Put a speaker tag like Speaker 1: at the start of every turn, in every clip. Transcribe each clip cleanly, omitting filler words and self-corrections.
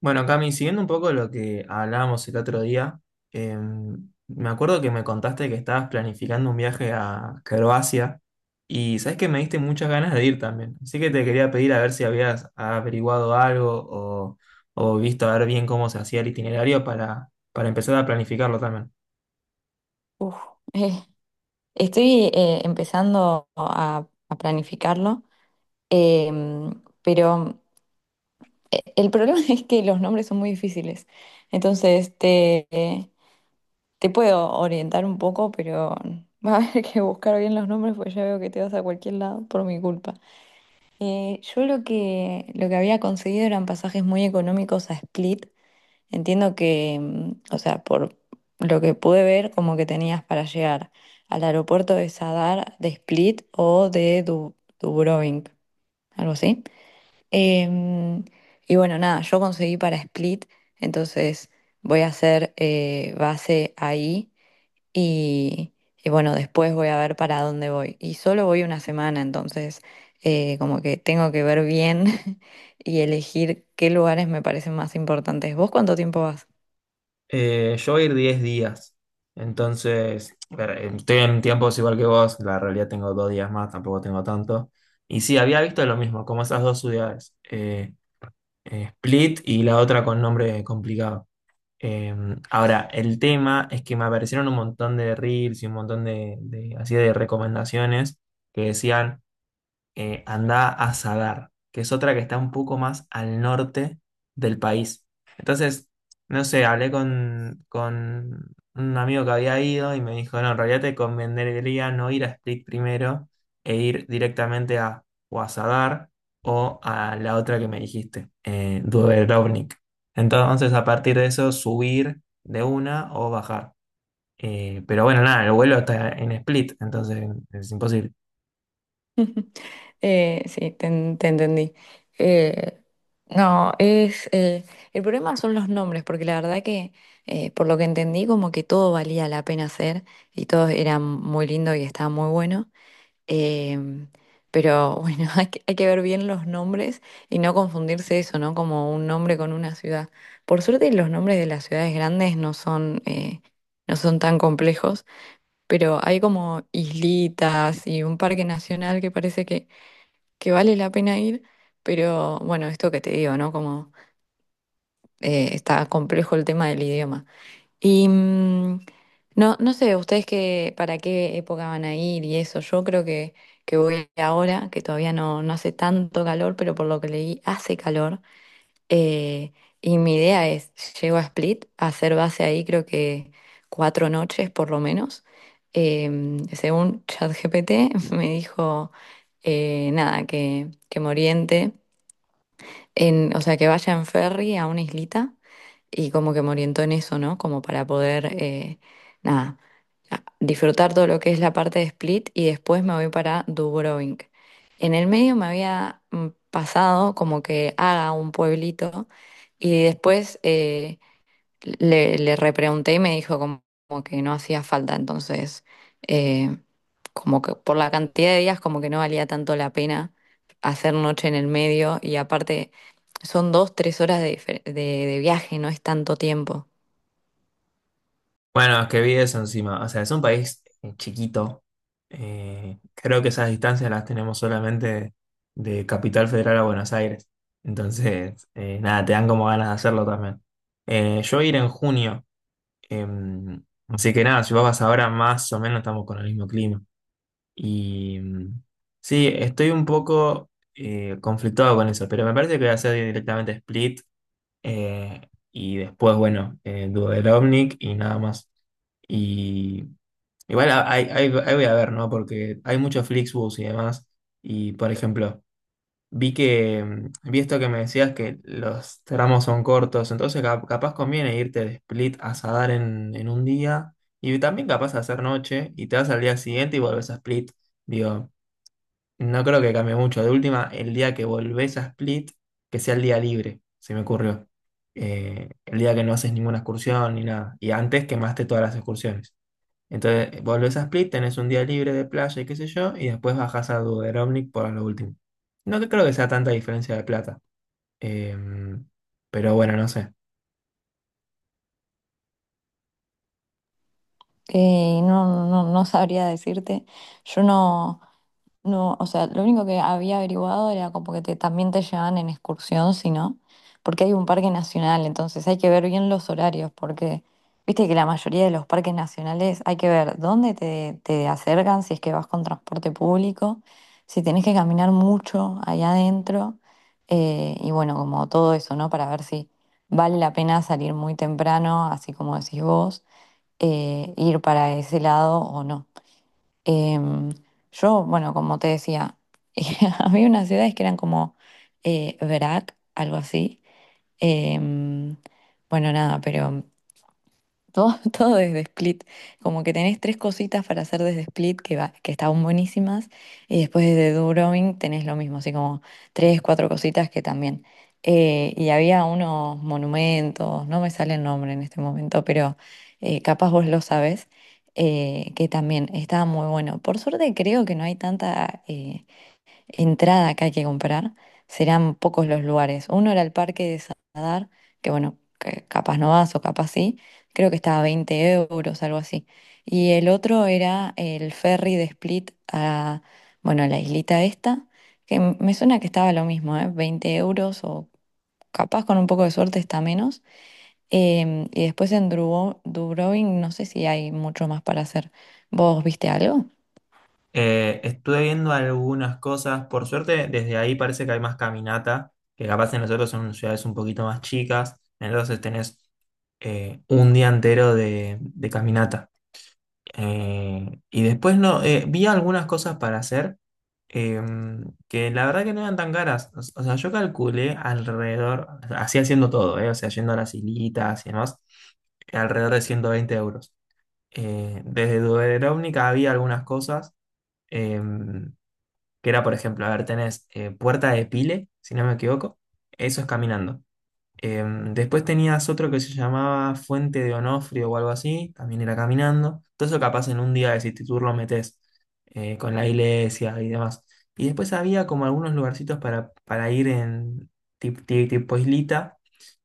Speaker 1: Bueno, Cami, siguiendo un poco lo que hablábamos el otro día, eh, me acuerdo que me contaste que estabas planificando un viaje a Croacia y sabes que me diste muchas ganas de ir también. Así que te quería pedir a ver si habías averiguado algo o visto a ver bien cómo se hacía el itinerario para empezar a planificarlo también.
Speaker 2: Uf, eh, estoy empezando a planificarlo, pero el problema es que los nombres son muy difíciles. Entonces, te puedo orientar un poco, pero va a haber que buscar bien los nombres, porque ya veo que te vas a cualquier lado por mi culpa. Yo lo que había conseguido eran pasajes muy económicos a Split. Entiendo que, o sea, por lo que pude ver, como que tenías para llegar al aeropuerto de Sadar, de Split o de Dubrovnik, algo así. Em, y bueno, nada, yo conseguí para Split, entonces voy a hacer base ahí y, y bueno, después voy a ver para dónde voy. Y solo voy una semana, entonces como que tengo que ver bien y elegir qué lugares me parecen más importantes. ¿Vos cuánto tiempo vas?
Speaker 1: Yo voy a ir 10 días, entonces a ver, estoy en tiempos igual que vos, la realidad tengo 2 días más, tampoco tengo tanto. Y sí, había visto lo mismo, como esas dos ciudades. Split y la otra con nombre complicado. Eh, Ahora, el tema es que me aparecieron un montón de reels y un montón de, así de recomendaciones que decían anda a Sadar, que es otra que está un poco más al norte del país. Entonces, no sé, hablé con un amigo que había ido y me dijo, no, en realidad te convendría no ir a Split primero e ir directamente a o a Sadar o a la otra que me dijiste, Dubrovnik. Entonces, a partir de eso, subir de una o bajar. Pero bueno, nada, el vuelo está en Split, entonces es imposible.
Speaker 2: Sí, te entendí. Eh, no, es el problema son los nombres, porque la verdad que por lo que entendí como que todo valía la pena hacer y todo era muy lindo y estaba muy bueno. Em, pero bueno, hay que ver bien los nombres y no confundirse eso, ¿no? Como un nombre con una ciudad. Por suerte los nombres de las ciudades grandes no son, no son tan complejos, pero hay como islitas y un parque nacional que parece que vale la pena ir, pero bueno, esto que te digo, ¿no? Como está complejo el tema del idioma. Y no, no sé, ustedes qué, para qué época van a ir y eso. Yo creo que voy ahora, que todavía no, no hace tanto calor, pero por lo que leí hace calor. Eh, y mi idea es, llego a Split, a hacer base ahí, creo que 4 noches por lo menos. Según ChatGPT me dijo nada, que me oriente en, o sea, que vaya en ferry a una islita y como que me orientó en eso, ¿no? Como para poder, nada, disfrutar todo lo que es la parte de Split y después me voy para Dubrovnik. En el medio me había pasado como que haga un pueblito y después le repregunté y me dijo como que no hacía falta, entonces eh, como que por la cantidad de días como que no valía tanto la pena hacer noche en el medio y aparte son dos, tres horas de viaje, no es tanto tiempo.
Speaker 1: Bueno, es que vi eso encima. O sea, es un país chiquito. Creo que esas distancias las tenemos solamente de Capital Federal a Buenos Aires. Entonces, nada, te dan como ganas de hacerlo también. Yo voy a ir en junio. eh, Así que nada, si vos vas ahora, más o menos estamos con el mismo clima. Y mm, sí, estoy un poco conflictuado con eso, pero me parece que voy a hacer directamente Split eh, y después, bueno, Duderovnik y nada más. Y igual ahí voy a ver, ¿no? Porque hay muchos Flixbus y demás. Y por ejemplo, vi que, vi esto que me decías que los tramos son cortos, entonces capaz conviene irte de Split a Sadar en un día. Y también capaz de hacer noche y te vas al día siguiente y vuelves a Split. Digo. No creo que cambie mucho. De última, el día que volvés a Split, que sea el día libre, se me ocurrió. El día que no haces ninguna excursión ni nada. Y antes quemaste todas las excursiones. Entonces, volvés a Split, tenés un día libre de playa y qué sé yo, y después bajás a Duderovnik por lo último. No creo que sea tanta diferencia de plata. Eh, pero bueno, no sé.
Speaker 2: No, no, no sabría decirte. Yo no. No, o sea, lo único que había averiguado era como que también te llevan en excursión, si no, porque hay un parque nacional, entonces hay que ver bien los horarios, porque viste que la mayoría de los parques nacionales hay que ver dónde te, te acercan, si es que vas con transporte público, si tenés que caminar mucho allá adentro, y bueno, como todo eso, ¿no? Para ver si vale la pena salir muy temprano, así como decís vos, ir para ese lado o no. Em, yo, bueno, como te decía, había unas ciudades que eran como Verac, algo así. Em, bueno, nada, pero todo, todo desde Split. Como que tenés tres cositas para hacer desde Split que, va, que estaban buenísimas. Y después desde Durovin tenés lo mismo, así como tres, cuatro cositas que también. Y había unos monumentos, no me sale el nombre en este momento, pero capaz vos lo sabés, que también estaba muy bueno. Por suerte creo que no hay tanta entrada que hay que comprar, serán pocos los lugares. Uno era el Parque de Sadar, que bueno, que capaz no vas o capaz sí, creo que estaba a 20 euros, algo así. Y el otro era el ferry de Split a, bueno, a la islita esta, que me suena que estaba lo mismo, ¿eh? 20 euros o capaz con un poco de suerte está menos. Y después en Dubrovnik no sé si hay mucho más para hacer. ¿Vos viste algo?
Speaker 1: Estuve viendo algunas cosas, por suerte desde ahí parece que hay más caminata, que capaz en nosotros son ciudades un poquito más chicas, entonces tenés un día entero de caminata. Y después no, vi algunas cosas para hacer eh, que la verdad que no eran tan caras. O sea, yo calculé alrededor, así haciendo todo, o sea, yendo a las hilitas y demás alrededor de 120 euros. Desde Dubrovnik había algunas cosas. eh, que era, por ejemplo, a ver, tenés Puerta de Pile, si no me equivoco, eso es caminando. Después tenías otro que se llamaba Fuente de Onofrio o algo así, también era caminando. Todo eso capaz en un día de City Tour lo metés con la iglesia y demás. Y después había como algunos lugarcitos para ir en tipo, islita,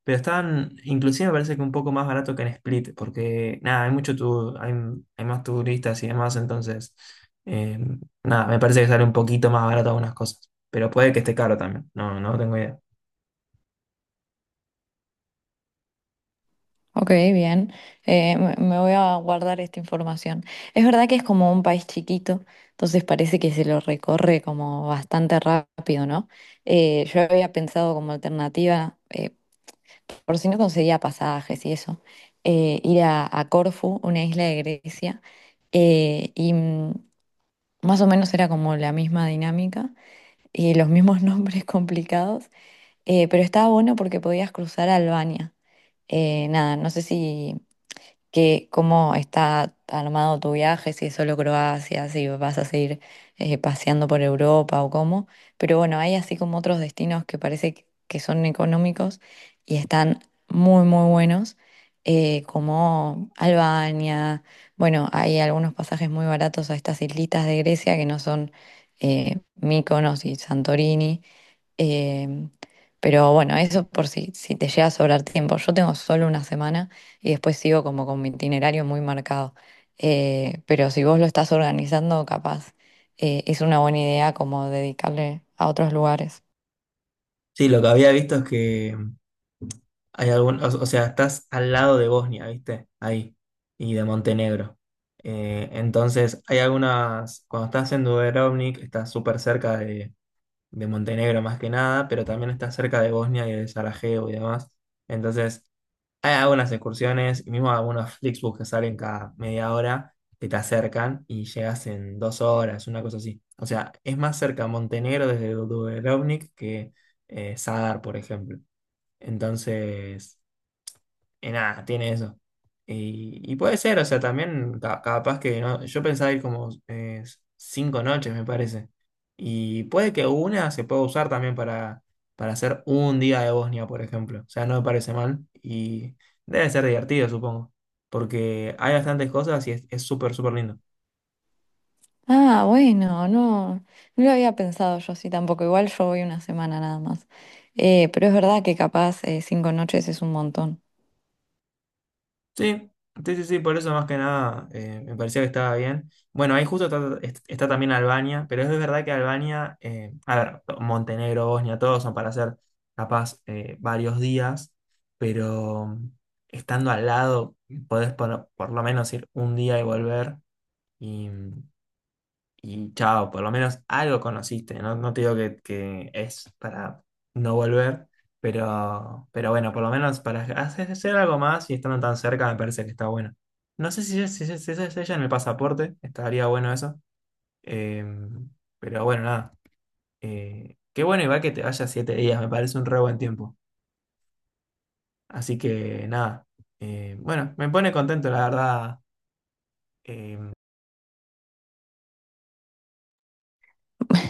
Speaker 1: pero estaban, inclusive me parece que un poco más barato que en Split, porque nada, hay mucho hay, hay más turistas y demás, entonces nada, me parece que sale un poquito más barato algunas cosas. Pero puede que esté caro también, no, no tengo idea.
Speaker 2: Ok, bien. Me voy a guardar esta información. Es verdad que es como un país chiquito, entonces parece que se lo recorre como bastante rápido, ¿no? Yo había pensado como alternativa, por si no conseguía pasajes y eso, ir a Corfú, una isla de Grecia, y más o menos era como la misma dinámica y los mismos nombres complicados, pero estaba bueno porque podías cruzar a Albania. Nada, no sé si que cómo está armado tu viaje, si es solo Croacia, si vas a seguir paseando por Europa o cómo. Pero bueno, hay así como otros destinos que parece que son económicos y están muy, muy buenos, como Albania. Bueno, hay algunos pasajes muy baratos a estas islitas de Grecia que no son Mykonos y Santorini. Eh, pero bueno, eso por si, te llega a sobrar tiempo. Yo tengo solo una semana y después sigo como con mi itinerario muy marcado. Pero si vos lo estás organizando, capaz es una buena idea como dedicarle a otros lugares.
Speaker 1: Sí, lo que había visto es que hay algún, o sea, estás al lado de Bosnia, ¿viste? Ahí. Y de Montenegro. Entonces, hay algunas. Cuando estás en Dubrovnik, estás súper cerca de Montenegro más que nada, pero también estás cerca de Bosnia y de Sarajevo y demás. Entonces, hay algunas excursiones, y mismo algunos Flixbus que salen cada media hora, que te acercan y llegas en 2 horas, una cosa así. O sea, es más cerca Montenegro desde Dubrovnik que Sadar, por ejemplo. Entonces. Y nada, tiene eso. Y puede ser, o sea, también capaz que no, yo pensaba ir como 5 noches, me parece. Y puede que una se pueda usar también para hacer un día de Bosnia, por ejemplo. O sea, no me parece mal y debe ser divertido, supongo. Porque hay bastantes cosas y es súper, súper lindo.
Speaker 2: Ah, bueno, no, no lo había pensado yo sí tampoco. Igual yo voy una semana nada más. Pero es verdad que capaz 5 noches es un montón.
Speaker 1: Sí, sí, sí, sí, por eso más que nada me parecía que estaba bien. Bueno, ahí justo está también Albania, pero es verdad que Albania, a ver, Montenegro, Bosnia, todos son para hacer capaz varios días, pero estando al lado podés por lo menos ir un día y volver y chao, por lo menos algo conociste, no, no te digo que es para no volver, pero bueno, por lo menos para hacer, hacer algo más y estando tan cerca me parece que está bueno. No sé si es, si es ella en el pasaporte, estaría bueno eso, eh, pero bueno, nada, qué bueno igual que te vayas 7 días, me parece un re buen tiempo, así que nada, bueno, me pone contento la verdad, eh,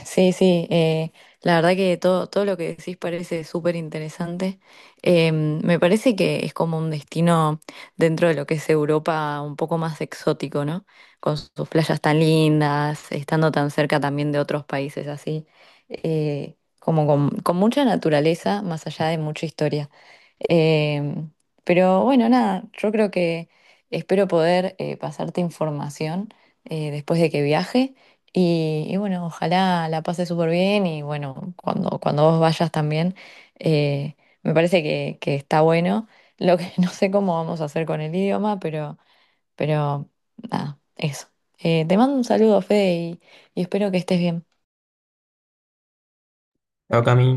Speaker 2: Sí, sí, la verdad que todo, todo lo que decís parece súper interesante. Me parece que es como un destino dentro de lo que es Europa un poco más exótico, ¿no? Con sus playas tan lindas, estando tan cerca también de otros países así, como con mucha naturaleza, más allá de mucha historia. Eh, pero bueno, nada, yo creo que espero poder pasarte información después de que viaje. Y bueno, ojalá la pase súper bien y bueno, cuando vos vayas también, eh, me parece que está bueno. Lo que no sé cómo vamos a hacer con el idioma, pero nada, eso. Te mando un saludo, Fede, y espero que estés bien.
Speaker 1: chao, Cami.